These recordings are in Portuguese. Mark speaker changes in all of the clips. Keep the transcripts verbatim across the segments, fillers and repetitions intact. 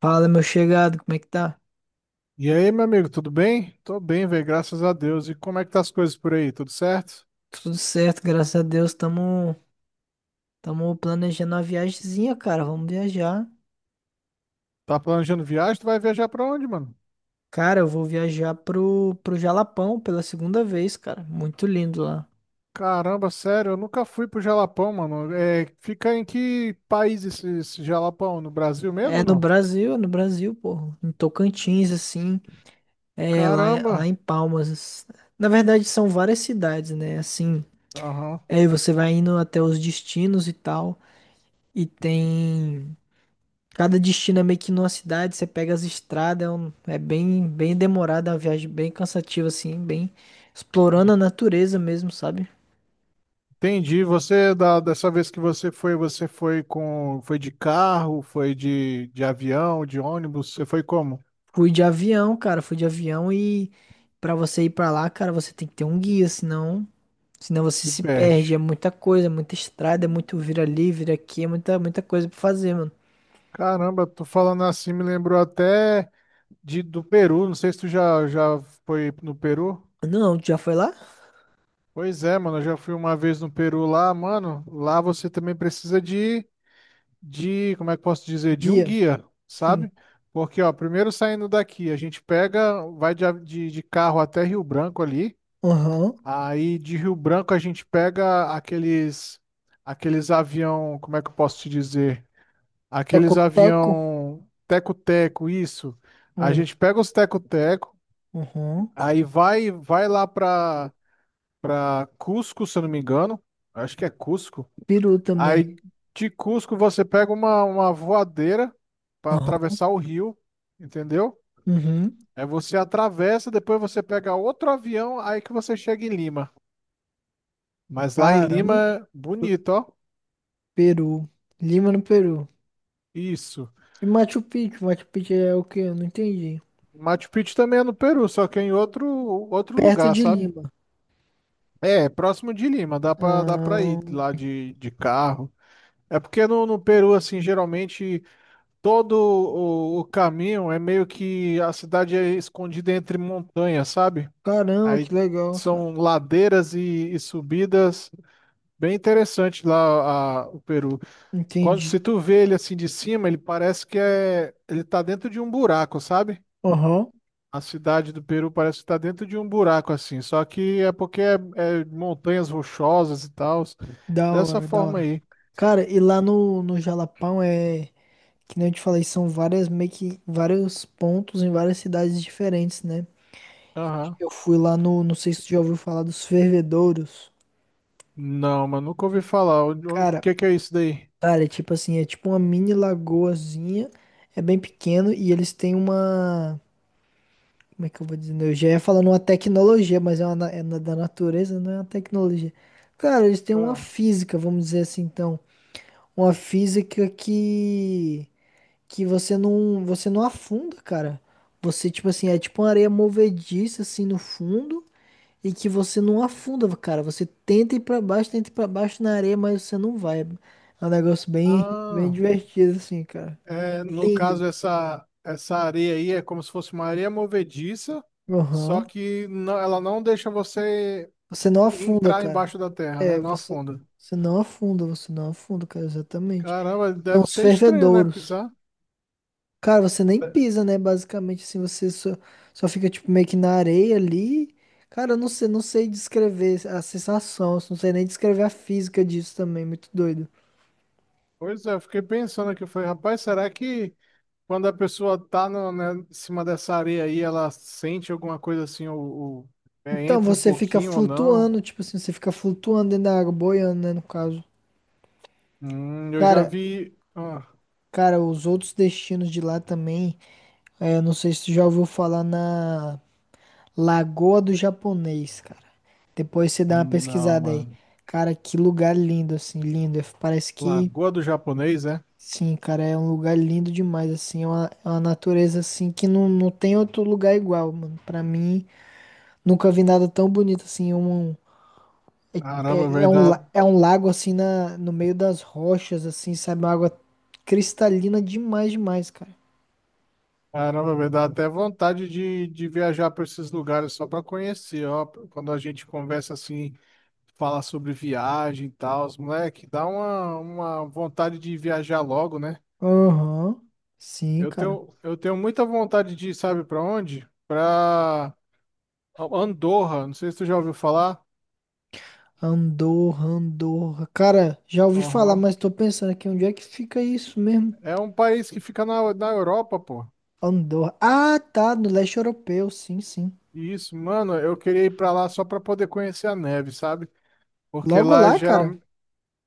Speaker 1: Fala, meu chegado, como é que tá?
Speaker 2: E aí, meu amigo, tudo bem? Tô bem, velho, graças a Deus. E como é que tá as coisas por aí? Tudo certo?
Speaker 1: Tudo certo, graças a Deus. Tamo, tamo planejando uma viagemzinha, cara. Vamos viajar.
Speaker 2: Tá planejando viagem? Tu vai viajar pra onde, mano?
Speaker 1: Cara, eu vou viajar pro, pro Jalapão pela segunda vez, cara. Muito lindo lá.
Speaker 2: Caramba, sério, eu nunca fui pro Jalapão, mano. É, fica em que país esse, esse Jalapão? No Brasil mesmo
Speaker 1: É
Speaker 2: ou
Speaker 1: no
Speaker 2: não?
Speaker 1: Brasil, é no Brasil, pô. Em Tocantins, assim. É, lá, lá
Speaker 2: Caramba.
Speaker 1: em Palmas. Na verdade, são várias cidades, né? Assim,
Speaker 2: Aham.
Speaker 1: aí você vai indo até os destinos e tal. E tem. Cada destino é meio que numa cidade, você pega as estradas, é, um- é bem, bem demorada, é uma viagem bem cansativa, assim, bem explorando a natureza mesmo, sabe?
Speaker 2: Entendi. Você, da, dessa vez que você foi, você foi com, foi de carro, foi de, de avião, de ônibus, você foi como?
Speaker 1: Fui de avião, cara, fui de avião e pra você ir pra lá, cara, você tem que ter um guia, senão, senão você
Speaker 2: Se
Speaker 1: se
Speaker 2: perde.
Speaker 1: perde, é muita coisa, é muita estrada, é muito vira ali, vira aqui, é muita, muita coisa pra fazer, mano.
Speaker 2: Caramba, tô falando assim, me lembrou até de, do Peru, não sei se tu já, já foi no Peru.
Speaker 1: Não, tu já foi lá?
Speaker 2: Pois é, mano, eu já fui uma vez no Peru lá, mano. Lá você também precisa de, de, como é que eu posso dizer, de um
Speaker 1: Guia,
Speaker 2: guia,
Speaker 1: sim.
Speaker 2: sabe? Porque, ó, primeiro saindo daqui, a gente pega, vai de, av- de, de carro até Rio Branco ali.
Speaker 1: Aham.
Speaker 2: Aí de Rio Branco a gente pega aqueles, aqueles avião, como é que eu posso te dizer? Aqueles
Speaker 1: Teco-teco.
Speaker 2: avião teco-teco, isso. A
Speaker 1: Hum.
Speaker 2: gente pega os teco-teco.
Speaker 1: Aham.
Speaker 2: Aí vai, vai lá pra, pra Cusco, se eu não me engano. Acho que é Cusco.
Speaker 1: Peru também.
Speaker 2: Aí de Cusco você pega uma, uma voadeira para
Speaker 1: Aham.
Speaker 2: atravessar o rio, entendeu?
Speaker 1: Uhum.
Speaker 2: Aí você atravessa, depois você pega outro avião, aí que você chega em Lima. Mas lá em
Speaker 1: Caramba.
Speaker 2: Lima, bonito, ó.
Speaker 1: Peru. Lima no Peru.
Speaker 2: Isso.
Speaker 1: E Machu Picchu? Machu Picchu é o quê? Eu não entendi.
Speaker 2: Machu Picchu também é no Peru, só que é em outro, outro
Speaker 1: Perto
Speaker 2: lugar,
Speaker 1: de
Speaker 2: sabe?
Speaker 1: Lima.
Speaker 2: É, é próximo de Lima, dá pra, dá pra
Speaker 1: Ah,
Speaker 2: ir lá de, de carro. É porque no, no Peru, assim, geralmente. Todo o, o caminho é meio que a cidade é escondida entre montanhas, sabe?
Speaker 1: caramba,
Speaker 2: Aí
Speaker 1: que legal, cara.
Speaker 2: são ladeiras e, e subidas. Bem interessante lá a- o Peru. Quando, se
Speaker 1: Entendi.
Speaker 2: tu vê ele assim de cima, ele parece que é, ele tá dentro de um buraco, sabe?
Speaker 1: Aham.
Speaker 2: A cidade do Peru parece que tá dentro de um buraco assim, só que é porque é, é montanhas rochosas e tal,
Speaker 1: Da
Speaker 2: dessa
Speaker 1: hora, da
Speaker 2: forma
Speaker 1: hora.
Speaker 2: aí.
Speaker 1: Cara, e lá no, no Jalapão é, que nem eu te falei, são várias, meio que vários pontos em várias cidades diferentes, né?
Speaker 2: Aham.
Speaker 1: Eu fui lá no, não sei se tu já ouviu falar dos fervedouros.
Speaker 2: Não, mas nunca ouvi falar. O, o
Speaker 1: Cara,
Speaker 2: que que é isso daí?
Speaker 1: cara, é tipo assim, é tipo uma mini lagoazinha, é bem pequeno e eles têm uma. Como é que eu vou dizer? Eu já ia falando uma tecnologia, mas é, uma, na- é na- da natureza, não é uma tecnologia. Cara, eles têm uma
Speaker 2: Ah.
Speaker 1: física, vamos dizer assim, então. Uma física que, que você não, você não afunda, cara. Você, tipo assim, é tipo uma areia movediça, assim, no fundo, e que você não afunda, cara. Você tenta ir pra baixo, tenta ir pra baixo na areia, mas você não vai. É um negócio bem, bem
Speaker 2: Ah.
Speaker 1: divertido, assim, cara.
Speaker 2: É, no
Speaker 1: Lindo.
Speaker 2: caso, essa, essa areia aí é como se fosse uma areia movediça, só
Speaker 1: Aham.
Speaker 2: que não- ela não deixa você
Speaker 1: Você não afunda,
Speaker 2: entrar
Speaker 1: cara.
Speaker 2: embaixo da terra, né?
Speaker 1: É,
Speaker 2: Não
Speaker 1: você,
Speaker 2: afunda.
Speaker 1: você não afunda, você não afunda, cara, exatamente.
Speaker 2: Caramba,
Speaker 1: São
Speaker 2: deve
Speaker 1: os
Speaker 2: ser estranho, né?
Speaker 1: fervedouros.
Speaker 2: Pisar.
Speaker 1: Cara, você nem pisa, né? Basicamente, assim, você só, só fica, tipo, meio que na areia ali. Cara, eu não sei, não sei descrever a sensação, eu não sei nem descrever a física disso também, muito doido.
Speaker 2: Pois é, eu fiquei pensando aqui, eu falei, rapaz, será que quando a pessoa tá no, né, em cima dessa areia aí, ela sente alguma coisa assim, ou, ou, é,
Speaker 1: Então,
Speaker 2: entra um
Speaker 1: você fica
Speaker 2: pouquinho ou não?
Speaker 1: flutuando, tipo assim, você fica flutuando dentro da água, boiando, né, no caso.
Speaker 2: Hum, eu já
Speaker 1: Cara,
Speaker 2: vi. Ah,
Speaker 1: cara, os outros destinos de lá também, é, eu não sei se você já ouviu falar na... Lagoa do Japonês, cara. Depois você dá uma
Speaker 2: não,
Speaker 1: pesquisada aí.
Speaker 2: mano.
Speaker 1: Cara, que lugar lindo, assim, lindo. Eu- Parece que,
Speaker 2: Lagoa do Japonês, é?
Speaker 1: sim, cara, é um lugar lindo demais, assim. É uma, é uma natureza, assim, que não, não tem outro lugar igual, mano. Pra mim, nunca vi nada tão bonito, assim. Um, um, é,
Speaker 2: Caramba,
Speaker 1: é-
Speaker 2: vai
Speaker 1: é um,
Speaker 2: dar.
Speaker 1: la- é um lago, assim, na, no meio das rochas, assim, sabe? Uma água cristalina demais, demais, cara.
Speaker 2: Caramba, me dá até vontade de, de viajar para esses lugares só para conhecer, ó. Quando a gente conversa assim, fala sobre viagem e tal, os moleque, dá uma, uma vontade de viajar logo, né?
Speaker 1: Aham, sim,
Speaker 2: Eu
Speaker 1: cara.
Speaker 2: tenho, eu tenho muita vontade de ir, sabe para onde? Para Andorra, não sei se tu já ouviu falar.
Speaker 1: Andorra, Andorra. Cara, já ouvi falar,
Speaker 2: Aham.
Speaker 1: mas tô pensando aqui onde é que fica isso mesmo?
Speaker 2: É um país que fica na, na Europa, pô.
Speaker 1: Andorra. Ah, tá, no leste europeu, sim, sim.
Speaker 2: E Isso, mano, eu queria ir para lá só para poder conhecer a neve, sabe? Porque
Speaker 1: Logo
Speaker 2: lá
Speaker 1: lá, cara.
Speaker 2: geralmente.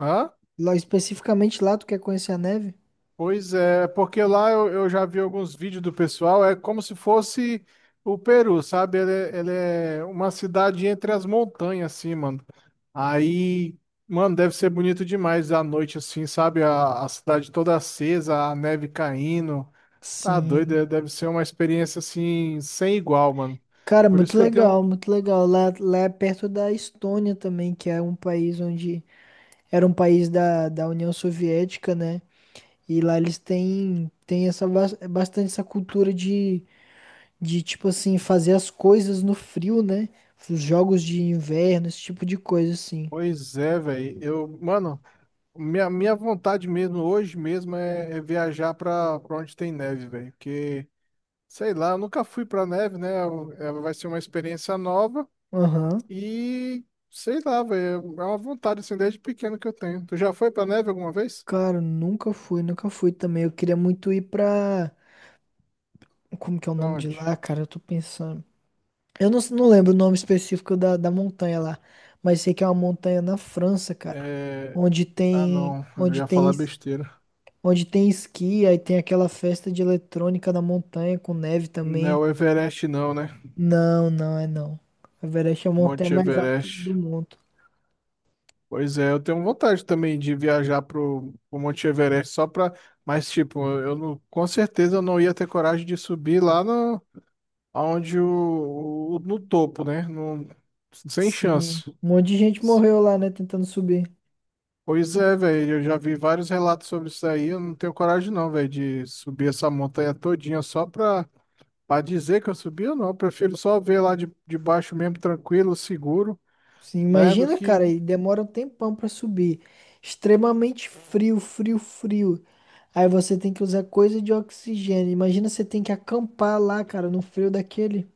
Speaker 2: Hã?
Speaker 1: Lá, especificamente lá, tu quer conhecer a neve?
Speaker 2: Pois é, porque lá eu, eu já vi alguns vídeos do pessoal, é como se fosse o Peru, sabe? Ele, é- ele é uma cidade entre as montanhas, assim, mano. Aí, mano, deve ser bonito demais à noite, assim, sabe? A, a cidade toda acesa, a neve caindo. Tá doido,
Speaker 1: Sim.
Speaker 2: é- deve ser uma experiência, assim, sem igual, mano.
Speaker 1: Cara,
Speaker 2: Por isso
Speaker 1: muito
Speaker 2: que eu tenho.
Speaker 1: legal, muito legal. Lá, lá é perto da Estônia também, que é um país onde era um país da, da União Soviética, né? E lá eles têm, têm essa, bas- bastante essa cultura de de tipo assim, fazer as coisas no frio, né? Os jogos de inverno, esse tipo de coisa assim.
Speaker 2: Pois é, velho. Eu, mano, minha, minha vontade mesmo, hoje mesmo, é, é viajar pra, pra onde tem neve, velho. Porque. Sei lá, eu nunca fui pra neve, né? Eu- ela vai ser uma experiência nova
Speaker 1: Aham.
Speaker 2: e sei lá, velho, é uma vontade assim desde pequeno que eu tenho. Tu já foi pra neve alguma vez?
Speaker 1: Cara, nunca fui, nunca fui também. Eu queria muito ir pra. Como que é o
Speaker 2: Pra
Speaker 1: nome de
Speaker 2: onde?
Speaker 1: lá, cara? Eu tô pensando. Eu não, não lembro o nome específico da, da montanha lá, mas sei que é uma montanha na França, cara,
Speaker 2: É...
Speaker 1: onde
Speaker 2: Ah,
Speaker 1: tem,
Speaker 2: não, eu
Speaker 1: onde
Speaker 2: ia
Speaker 1: tem,
Speaker 2: falar
Speaker 1: es-
Speaker 2: besteira.
Speaker 1: onde tem esqui, aí tem aquela festa de eletrônica na montanha com neve
Speaker 2: Não é
Speaker 1: também.
Speaker 2: o Everest não, né?
Speaker 1: Não, não é não. A Everest é a montanha
Speaker 2: Monte
Speaker 1: mais alta
Speaker 2: Everest.
Speaker 1: do mundo.
Speaker 2: Pois é, eu tenho vontade também de viajar pro, pro Monte Everest só pra... Mas tipo, eu não... com certeza eu não ia ter coragem de subir lá no... aonde o... o- no topo, né? No... Sem
Speaker 1: Sim,
Speaker 2: chance.
Speaker 1: um monte de gente morreu lá, né, tentando subir.
Speaker 2: Pois é, velho, eu já vi vários relatos sobre isso aí, eu não tenho coragem não, velho, de subir essa montanha todinha só pra, pra dizer que eu subi ou não, eu prefiro só ver lá de, de baixo mesmo, tranquilo, seguro,
Speaker 1: Sim,
Speaker 2: né, do
Speaker 1: imagina,
Speaker 2: que...
Speaker 1: cara, e demora um tempão pra subir. Extremamente frio, frio, frio. Aí você tem que usar coisa de oxigênio. Imagina você tem que acampar lá, cara, no frio daquele.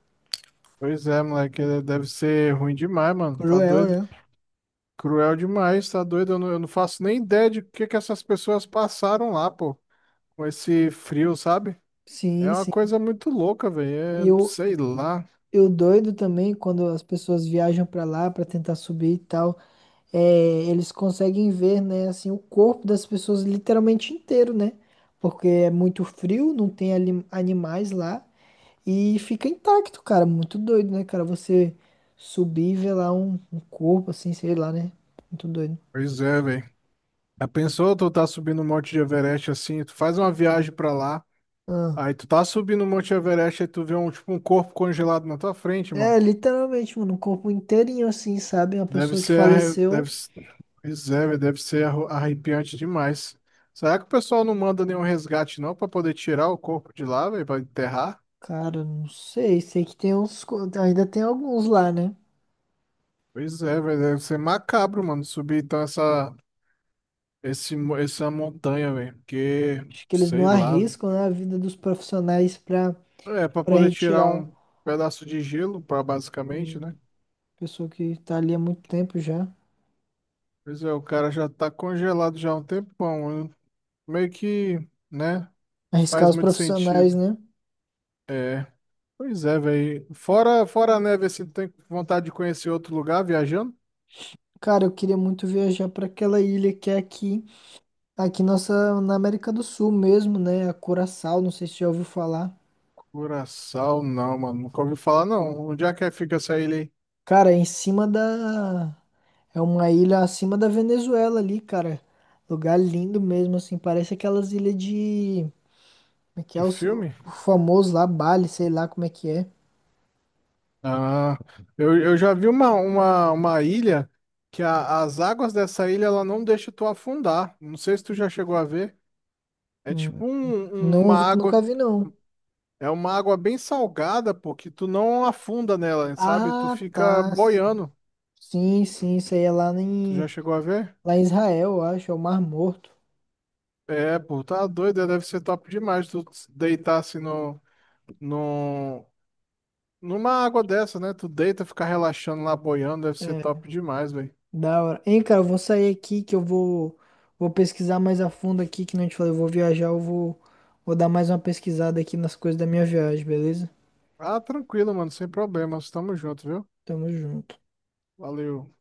Speaker 2: Pois é, moleque, é, deve ser ruim demais, mano, tá
Speaker 1: Cruel,
Speaker 2: doido,
Speaker 1: né?
Speaker 2: cruel demais, tá doido, eu não, eu não faço nem ideia de o que que essas pessoas passaram lá, pô, com esse frio, sabe? É
Speaker 1: Sim,
Speaker 2: uma
Speaker 1: sim.
Speaker 2: coisa muito louca,
Speaker 1: E
Speaker 2: velho, é,
Speaker 1: eu,
Speaker 2: sei lá,
Speaker 1: eu doido também quando as pessoas viajam pra lá pra tentar subir e tal, é, eles conseguem ver, né, assim, o corpo das pessoas literalmente inteiro, né? Porque é muito frio, não tem ali- animais lá. E fica intacto, cara. Muito doido, né, cara? Você subir e ver lá um, um corpo, assim, sei lá, né? Muito doido.
Speaker 2: pois é, velho. Já pensou, tu tá subindo o Monte de Everest assim, tu faz uma viagem pra lá,
Speaker 1: Ah.
Speaker 2: aí tu tá subindo o Monte Everest e tu vê um tipo um corpo congelado na tua frente, mano.
Speaker 1: É, literalmente, mano, um corpo inteirinho, assim, sabe? Uma
Speaker 2: Deve
Speaker 1: pessoa que
Speaker 2: ser, arre-
Speaker 1: faleceu.
Speaker 2: deve, s- pois é, velho, deve ser arru- arrepiante demais. Será que o pessoal não manda nenhum resgate não pra poder tirar o corpo de lá, velho, pra enterrar?
Speaker 1: Cara, não sei. Sei que tem uns. co- Ainda tem alguns lá, né?
Speaker 2: Pois é, velho, deve ser macabro, mano, subir então essa esse mo- essa montanha, velho, porque
Speaker 1: Acho que eles não
Speaker 2: sei lá, velho.
Speaker 1: arriscam, né, a vida dos profissionais pra,
Speaker 2: É pra
Speaker 1: pra
Speaker 2: poder tirar
Speaker 1: retirar o- a
Speaker 2: um pedaço de gelo, para basicamente, né?
Speaker 1: pessoa que tá ali há muito tempo já.
Speaker 2: Pois é, o cara já tá congelado já há um tempão. Né? Meio que, né?
Speaker 1: Arriscar
Speaker 2: Faz
Speaker 1: os
Speaker 2: muito
Speaker 1: profissionais,
Speaker 2: sentido.
Speaker 1: né?
Speaker 2: É. Pois é, velho. Fora, fora a neve, assim, tu tem vontade de conhecer outro lugar viajando?
Speaker 1: Cara, eu queria muito viajar pra aquela ilha que é aqui. Tá aqui nossa, na América do Sul mesmo, né? A Curaçao, não sei se já ouviu falar.
Speaker 2: Curaçao, não, mano. Nunca ouvi falar, não. Onde é que fica essa ilha aí?
Speaker 1: Cara, é em cima da. É uma ilha acima da Venezuela ali, cara. Lugar lindo mesmo, assim. Parece aquelas ilhas de. Como é que é?
Speaker 2: De
Speaker 1: Os-
Speaker 2: filme?
Speaker 1: O famoso lá, Bali, sei lá como é que é.
Speaker 2: Ah, eu, eu já vi uma, uma, uma ilha que a- as águas dessa ilha, ela não deixa tu afundar. Não sei se tu já chegou a ver. É
Speaker 1: Hum.
Speaker 2: tipo um, um, uma
Speaker 1: Não,
Speaker 2: água.
Speaker 1: nunca vi, não.
Speaker 2: É uma água bem salgada, pô, que tu não afunda nela, sabe? Tu
Speaker 1: Ah,
Speaker 2: fica
Speaker 1: tá.
Speaker 2: boiando.
Speaker 1: Sim, sim, isso aí é lá
Speaker 2: Tu já
Speaker 1: em,
Speaker 2: chegou a ver?
Speaker 1: lá em Israel, eu acho. É o Mar Morto.
Speaker 2: É, pô, tá doido, é, deve ser top demais tu deitar assim no, no, numa água dessa, né? Tu deita, fica relaxando lá, boiando, deve ser
Speaker 1: É.
Speaker 2: top demais, velho.
Speaker 1: Da hora. Hein, cara, eu vou sair aqui que eu vou, vou pesquisar mais a fundo aqui, que não te falei, eu vou viajar, eu vou, vou dar mais uma pesquisada aqui nas coisas da minha viagem, beleza?
Speaker 2: Ah, tranquilo, mano, sem problemas, tamo junto, viu?
Speaker 1: Tamo junto.
Speaker 2: Valeu.